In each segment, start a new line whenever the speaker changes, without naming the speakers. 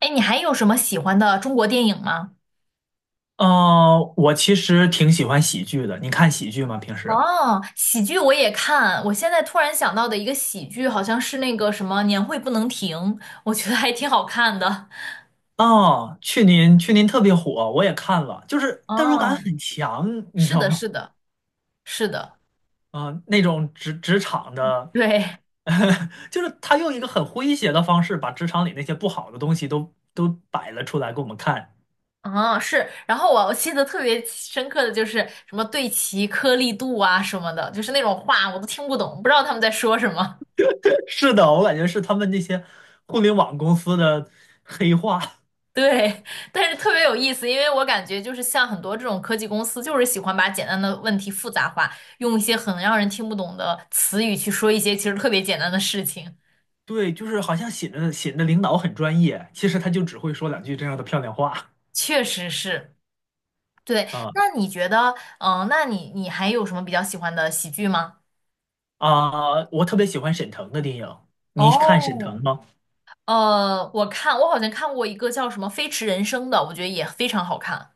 哎，你还有什么喜欢的中国电影吗？
我其实挺喜欢喜剧的。你看喜剧吗？平时？
哦，喜剧我也看。我现在突然想到的一个喜剧，好像是那个什么《年会不能停》，我觉得还挺好看的。
哦，去年特别火，我也看了，就是 代入感
哦，
很强，你知
是
道
的，
吗？
是的，是的，
那种职场的。
对，
就是他用一个很诙谐的方式，把职场里那些不好的东西都摆了出来给我们看。
嗯，是。然后我记得特别深刻的就是什么对齐颗粒度啊什么的，就是那种话我都听不懂，不知道他们在说什么。
是的，我感觉是他们那些互联网公司的黑话。
对，但是特别有意思，因为我感觉就是像很多这种科技公司，就是喜欢把简单的问题复杂化，用一些很让人听不懂的词语去说一些其实特别简单的事情。
对，就是好像显得领导很专业，其实他就只会说两句这样的漂亮话
确实是，对。
啊。
那你觉得，那你还有什么比较喜欢的喜剧吗？
我特别喜欢沈腾的电影，你看沈
哦，
腾吗？
我看我好像看过一个叫什么《飞驰人生》的，我觉得也非常好看。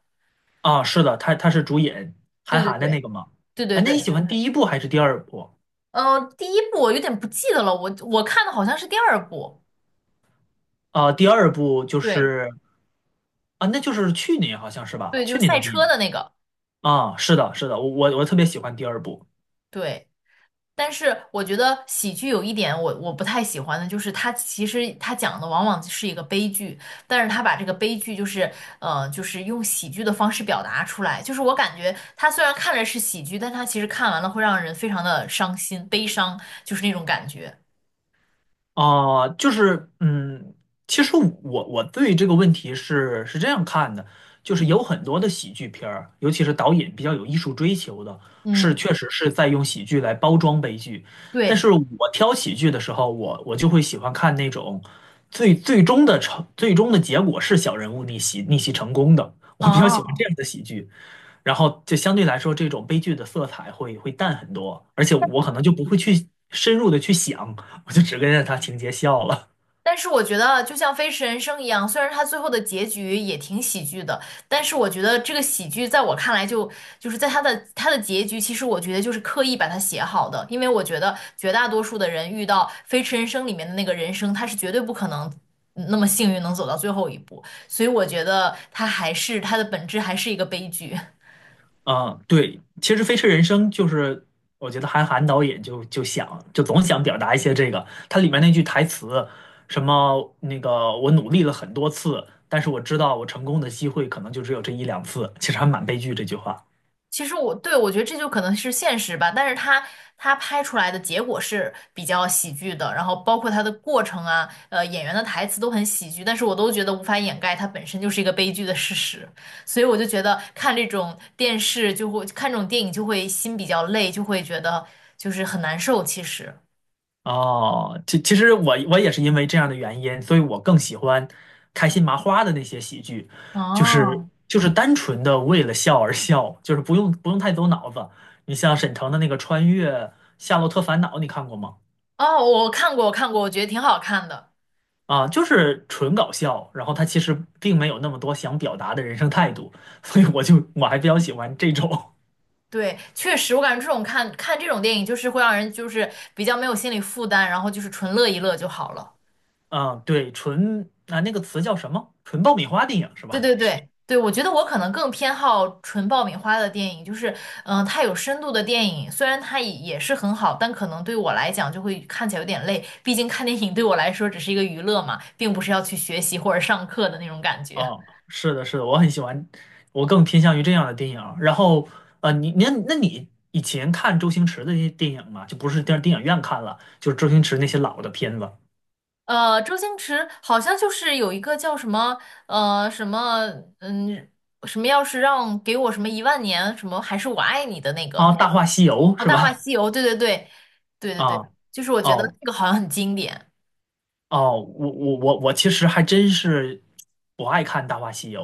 啊，是的，他是主演
对
韩
对
寒的
对
那个吗？
对对
啊，那你喜
对，
欢第一部还是第二部？
第一部我有点不记得了，我看的好像是第二部。
啊，第二部就
对。
是啊，那就是去年好像是吧？
对，就
去
是
年的
赛
电影
车的那个，
啊，是的，是的，我特别喜欢第二部。
对。但是我觉得喜剧有一点我不太喜欢的，就是它其实它讲的往往是一个悲剧，但是它把这个悲剧就是就是用喜剧的方式表达出来，就是我感觉它虽然看着是喜剧，但它其实看完了会让人非常的伤心、悲伤，就是那种感觉。
就是嗯，其实我对这个问题是这样看的，就是有很多的喜剧片儿，尤其是导演比较有艺术追求的，是
嗯，
确实是在用喜剧来包装悲剧。但
对，
是我挑喜剧的时候，我就会喜欢看那种最终的结果是小人物逆袭成功的，我比较喜欢
哦，
这样的喜剧。然后就相对来说，这种悲剧的色彩会淡很多，而且我可能就不会去深入的去想，我就只跟着他情节笑了。
但是我觉得，就像《飞驰人生》一样，虽然它最后的结局也挺喜剧的，但是我觉得这个喜剧在我看来就，就是在它的结局，其实我觉得就是刻意把它写好的，因为我觉得绝大多数的人遇到《飞驰人生》里面的那个人生，他是绝对不可能那么幸运能走到最后一步，所以我觉得它还是它的本质还是一个悲剧。
嗯，对，其实《飞驰人生》就是我觉得韩寒导演就就想就总想表达一些这个，它里面那句台词，什么那个我努力了很多次，但是我知道我成功的机会可能就只有这一两次，其实还蛮悲剧这句话。
其实我对我觉得这就可能是现实吧，但是他拍出来的结果是比较喜剧的，然后包括他的过程啊，演员的台词都很喜剧，但是我都觉得无法掩盖它本身就是一个悲剧的事实，所以我就觉得看这种电视就会看这种电影就会心比较累，就会觉得就是很难受。其实，
哦，其实我也是因为这样的原因，所以我更喜欢开心麻花的那些喜剧，就是
哦
就是单纯的为了笑而笑，就是不用太走脑子。你像沈腾的那个《穿越夏洛特烦恼》，你看过吗？
哦，我看过，我看过，我觉得挺好看的。
啊，就是纯搞笑，然后他其实并没有那么多想表达的人生态度，所以我就我还比较喜欢这种，
对，确实，我感觉这种看这种电影就是会让人就是比较没有心理负担，然后就是纯乐一乐就好了。
嗯，对，纯啊那个词叫什么？纯爆米花电影是
对
吧？
对对对，我觉得我可能更偏好纯爆米花的电影，就是它有深度的电影，虽然它也是很好，但可能对我来讲就会看起来有点累，毕竟看电影对我来说只是一个娱乐嘛，并不是要去学习或者上课的那种感觉。
哦，是的，是的，我很喜欢，我更偏向于这样的电影儿然后，你那你以前看周星驰的那些电影嘛，就不是电影院看了，就是周星驰那些老的片子
周星驰好像就是有一个叫什么呃什么嗯，要是让给我什么一万年什么还是我爱你的那个
啊，《大话西游》
哦，
是
《大话
吧？
西游》，对对对对对
啊，
对，就是我觉得
哦
这个好像很经典。
哦，我其实还真是不爱看《大话西游》，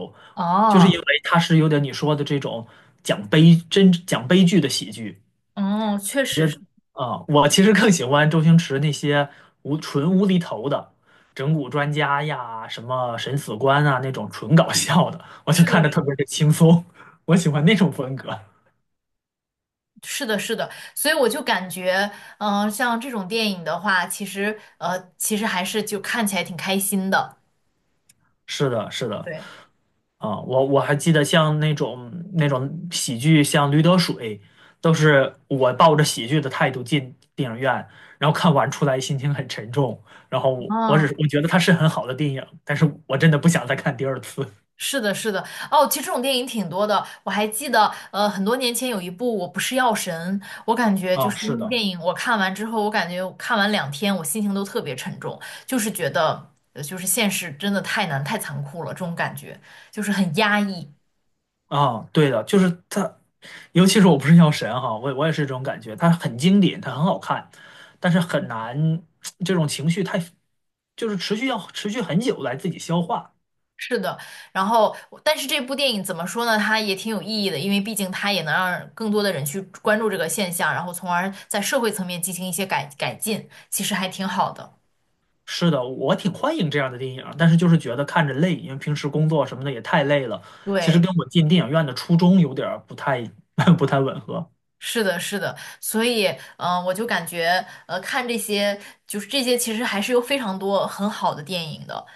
就是因为
哦，
它是有点你说的这种讲悲剧的喜剧。
哦，确实
觉
是，
得啊，我其实更喜欢周星驰那些无厘头的整蛊专家呀，什么审死官啊那种纯搞笑的，我就
是
看
的，
着
是
特别
的，
的轻松，我喜欢那种
对
风格。
是的，是的，所以我就感觉，像这种电影的话，其实，其实还是就看起来挺开心的，
是的，是的，
对，
啊，我我还记得像那种喜剧，像《驴得水》，都是我抱着喜剧的态度进电影院，然后看完出来心情很沉重，然后我只是
嗯，
我觉得它是很好的电影，但是我真的不想再看第二次。
是的，是的，哦，其实这种电影挺多的，我还记得，很多年前有一部《我不是药神》，我感觉就
啊，
是那
是
部
的。
电影，我看完之后，我感觉我看完两天，我心情都特别沉重，就是觉得，就是现实真的太难太残酷了，这种感觉就是很压抑。
啊，对的，就是它，尤其是我不是药神哈，我也是这种感觉，它很经典，它很好看，但是很难，这种情绪太，就是要持续很久来自己消化。
是的，然后但是这部电影怎么说呢？它也挺有意义的，因为毕竟它也能让更多的人去关注这个现象，然后从而在社会层面进行一些改进，其实还挺好的。
是的，我挺欢迎这样的电影，但是就是觉得看着累，因为平时工作什么的也太累了。其实跟
对，
我进电影院的初衷有点儿不太 不太吻合
是的，是的，所以，我就感觉，看这些，就是这些，其实还是有非常多很好的电影的。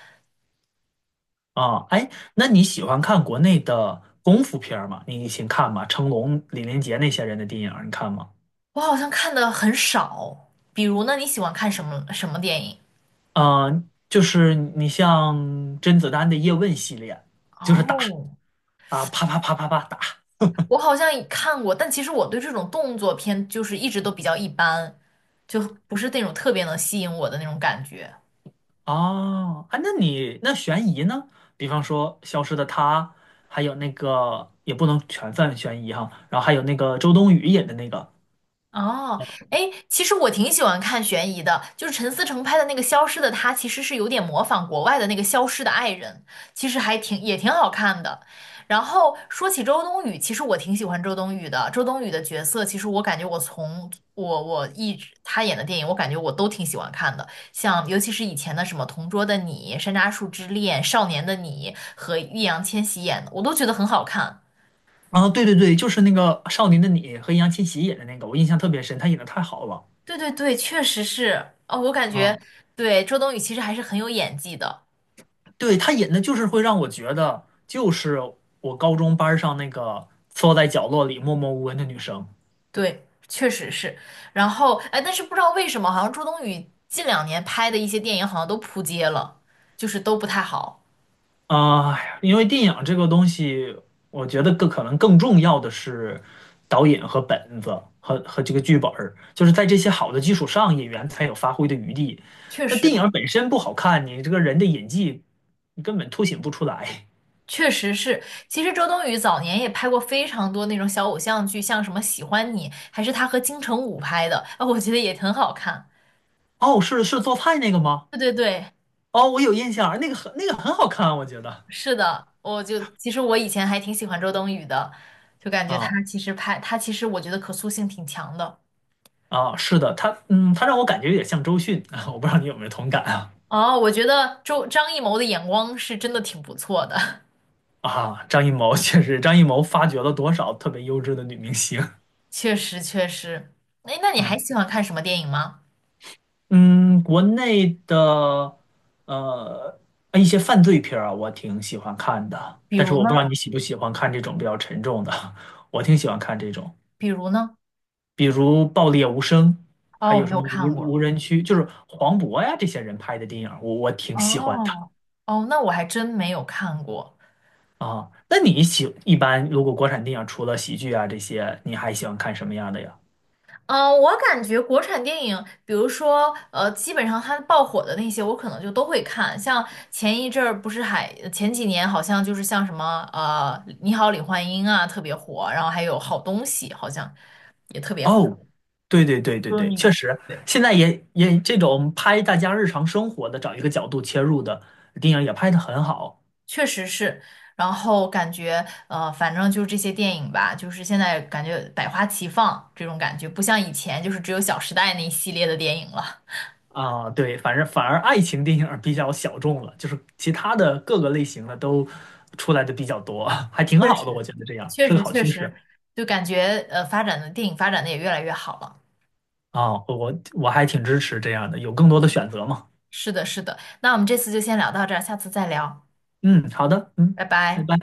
啊。哎，那你喜欢看国内的功夫片儿吗？你以前看吗？成龙、李连杰那些人的电影儿你看吗？
我好像看的很少，比如呢，你喜欢看什么电影？
嗯、就是你像甄子丹的叶问系列，就是打
哦，
啊，啪啪啪啪啪打
我好像也看过，但其实我对这种动作片就是一直都比较一般，就不是那种特别能吸引我的那种感觉。
哦，啊，那你那悬疑呢？比方说《消失的她》，还有那个也不能全算悬疑哈，然后还有那个周冬雨演的那个
哦，哎，其实我挺喜欢看悬疑的，就是陈思诚拍的那个《消失的她》，其实是有点模仿国外的那个《消失的爱人》，其实还挺也挺好看的。然后说起周冬雨，其实我挺喜欢周冬雨的。周冬雨的角色，其实我感觉我从我我一直她演的电影，我感觉我都挺喜欢看的，像尤其是以前的什么《同桌的你》《山楂树之恋》《少年的你》和易烊千玺演的，我都觉得很好看。
啊，对对对，就是那个《少年的你》和易烊千玺演的那个，我印象特别深，他演的太好了
对对对，确实是哦，我感觉
啊，
对周冬雨其实还是很有演技的，
对他演的就是会让我觉得，就是我高中班儿上那个缩在角落里默默无闻的女生。
对，确实是。然后哎，但是不知道为什么，好像周冬雨近两年拍的一些电影好像都扑街了，就是都不太好。
啊，因为电影这个东西，我觉得更可能更重要的是导演和本子和这个剧本儿，就是在这些好的基础上，演员才有发挥的余地。
确
那
实，
电影本身不好看，你这个人的演技，你根本凸显不出来。
确实是。其实周冬雨早年也拍过非常多那种小偶像剧，像什么《喜欢你》，还是她和金城武拍的，啊，我觉得也很好看。
哦，是是做菜那个吗？
对对对，
哦，我有印象，那个很好看，我觉得
是的，我就其实我以前还挺喜欢周冬雨的，就感觉她
啊
其实拍她其实我觉得可塑性挺强的。
是的，他嗯，他让我感觉有点像周迅啊，我不知道你有没有同感啊
哦，我觉得张艺谋的眼光是真的挺不错的，
啊，张艺谋确实，张艺谋发掘了多少特别优质的女明星。
确实确实。哎，那你还
啊。
喜欢看什么电影吗？
嗯，国内的呃一些犯罪片儿啊，我挺喜欢看的，
比
但是
如
我不知
呢？
道你喜不喜欢看这种比较沉重的，我挺喜欢看这种，
比如呢？
比如《爆裂无声》，还
哦，我
有
没
什
有
么无
看过。
无人区，就是黄渤呀这些人拍的电影儿我挺喜欢的
哦，哦，那我还真没有看过。
啊。那你喜一般如果国产电影除了喜剧啊这些，你还喜欢看什么样的呀？
我感觉国产电影，比如说，基本上它爆火的那些，我可能就都会看。像前一阵儿不是还前几年好像就是像什么《你好，李焕英》啊特别火，然后还有《好东西》好像也特别火。
哦，对对对对
就是
对，
你
确实，
对，
现在也这种拍大家日常生活的，找一个角度切入的电影也拍的很好
确实是。然后感觉反正就是这些电影吧，就是现在感觉百花齐放这种感觉，不像以前就是只有《小时代》那一系列的电影了。
啊。对，反正反而爱情电影比较小众了，就是其他的各个类型的都出来的比较多，还挺
确
好的，我
实，
觉得这样
确
是个
实，
好
确
趋
实，
势
就感觉发展的电影发展的也越来越好了。
啊。我还挺支持这样的，有更多的选择嘛。
是的，是的。那我们这次就先聊到这儿，下次再聊，
嗯，好的，嗯，
拜
拜
拜。
拜。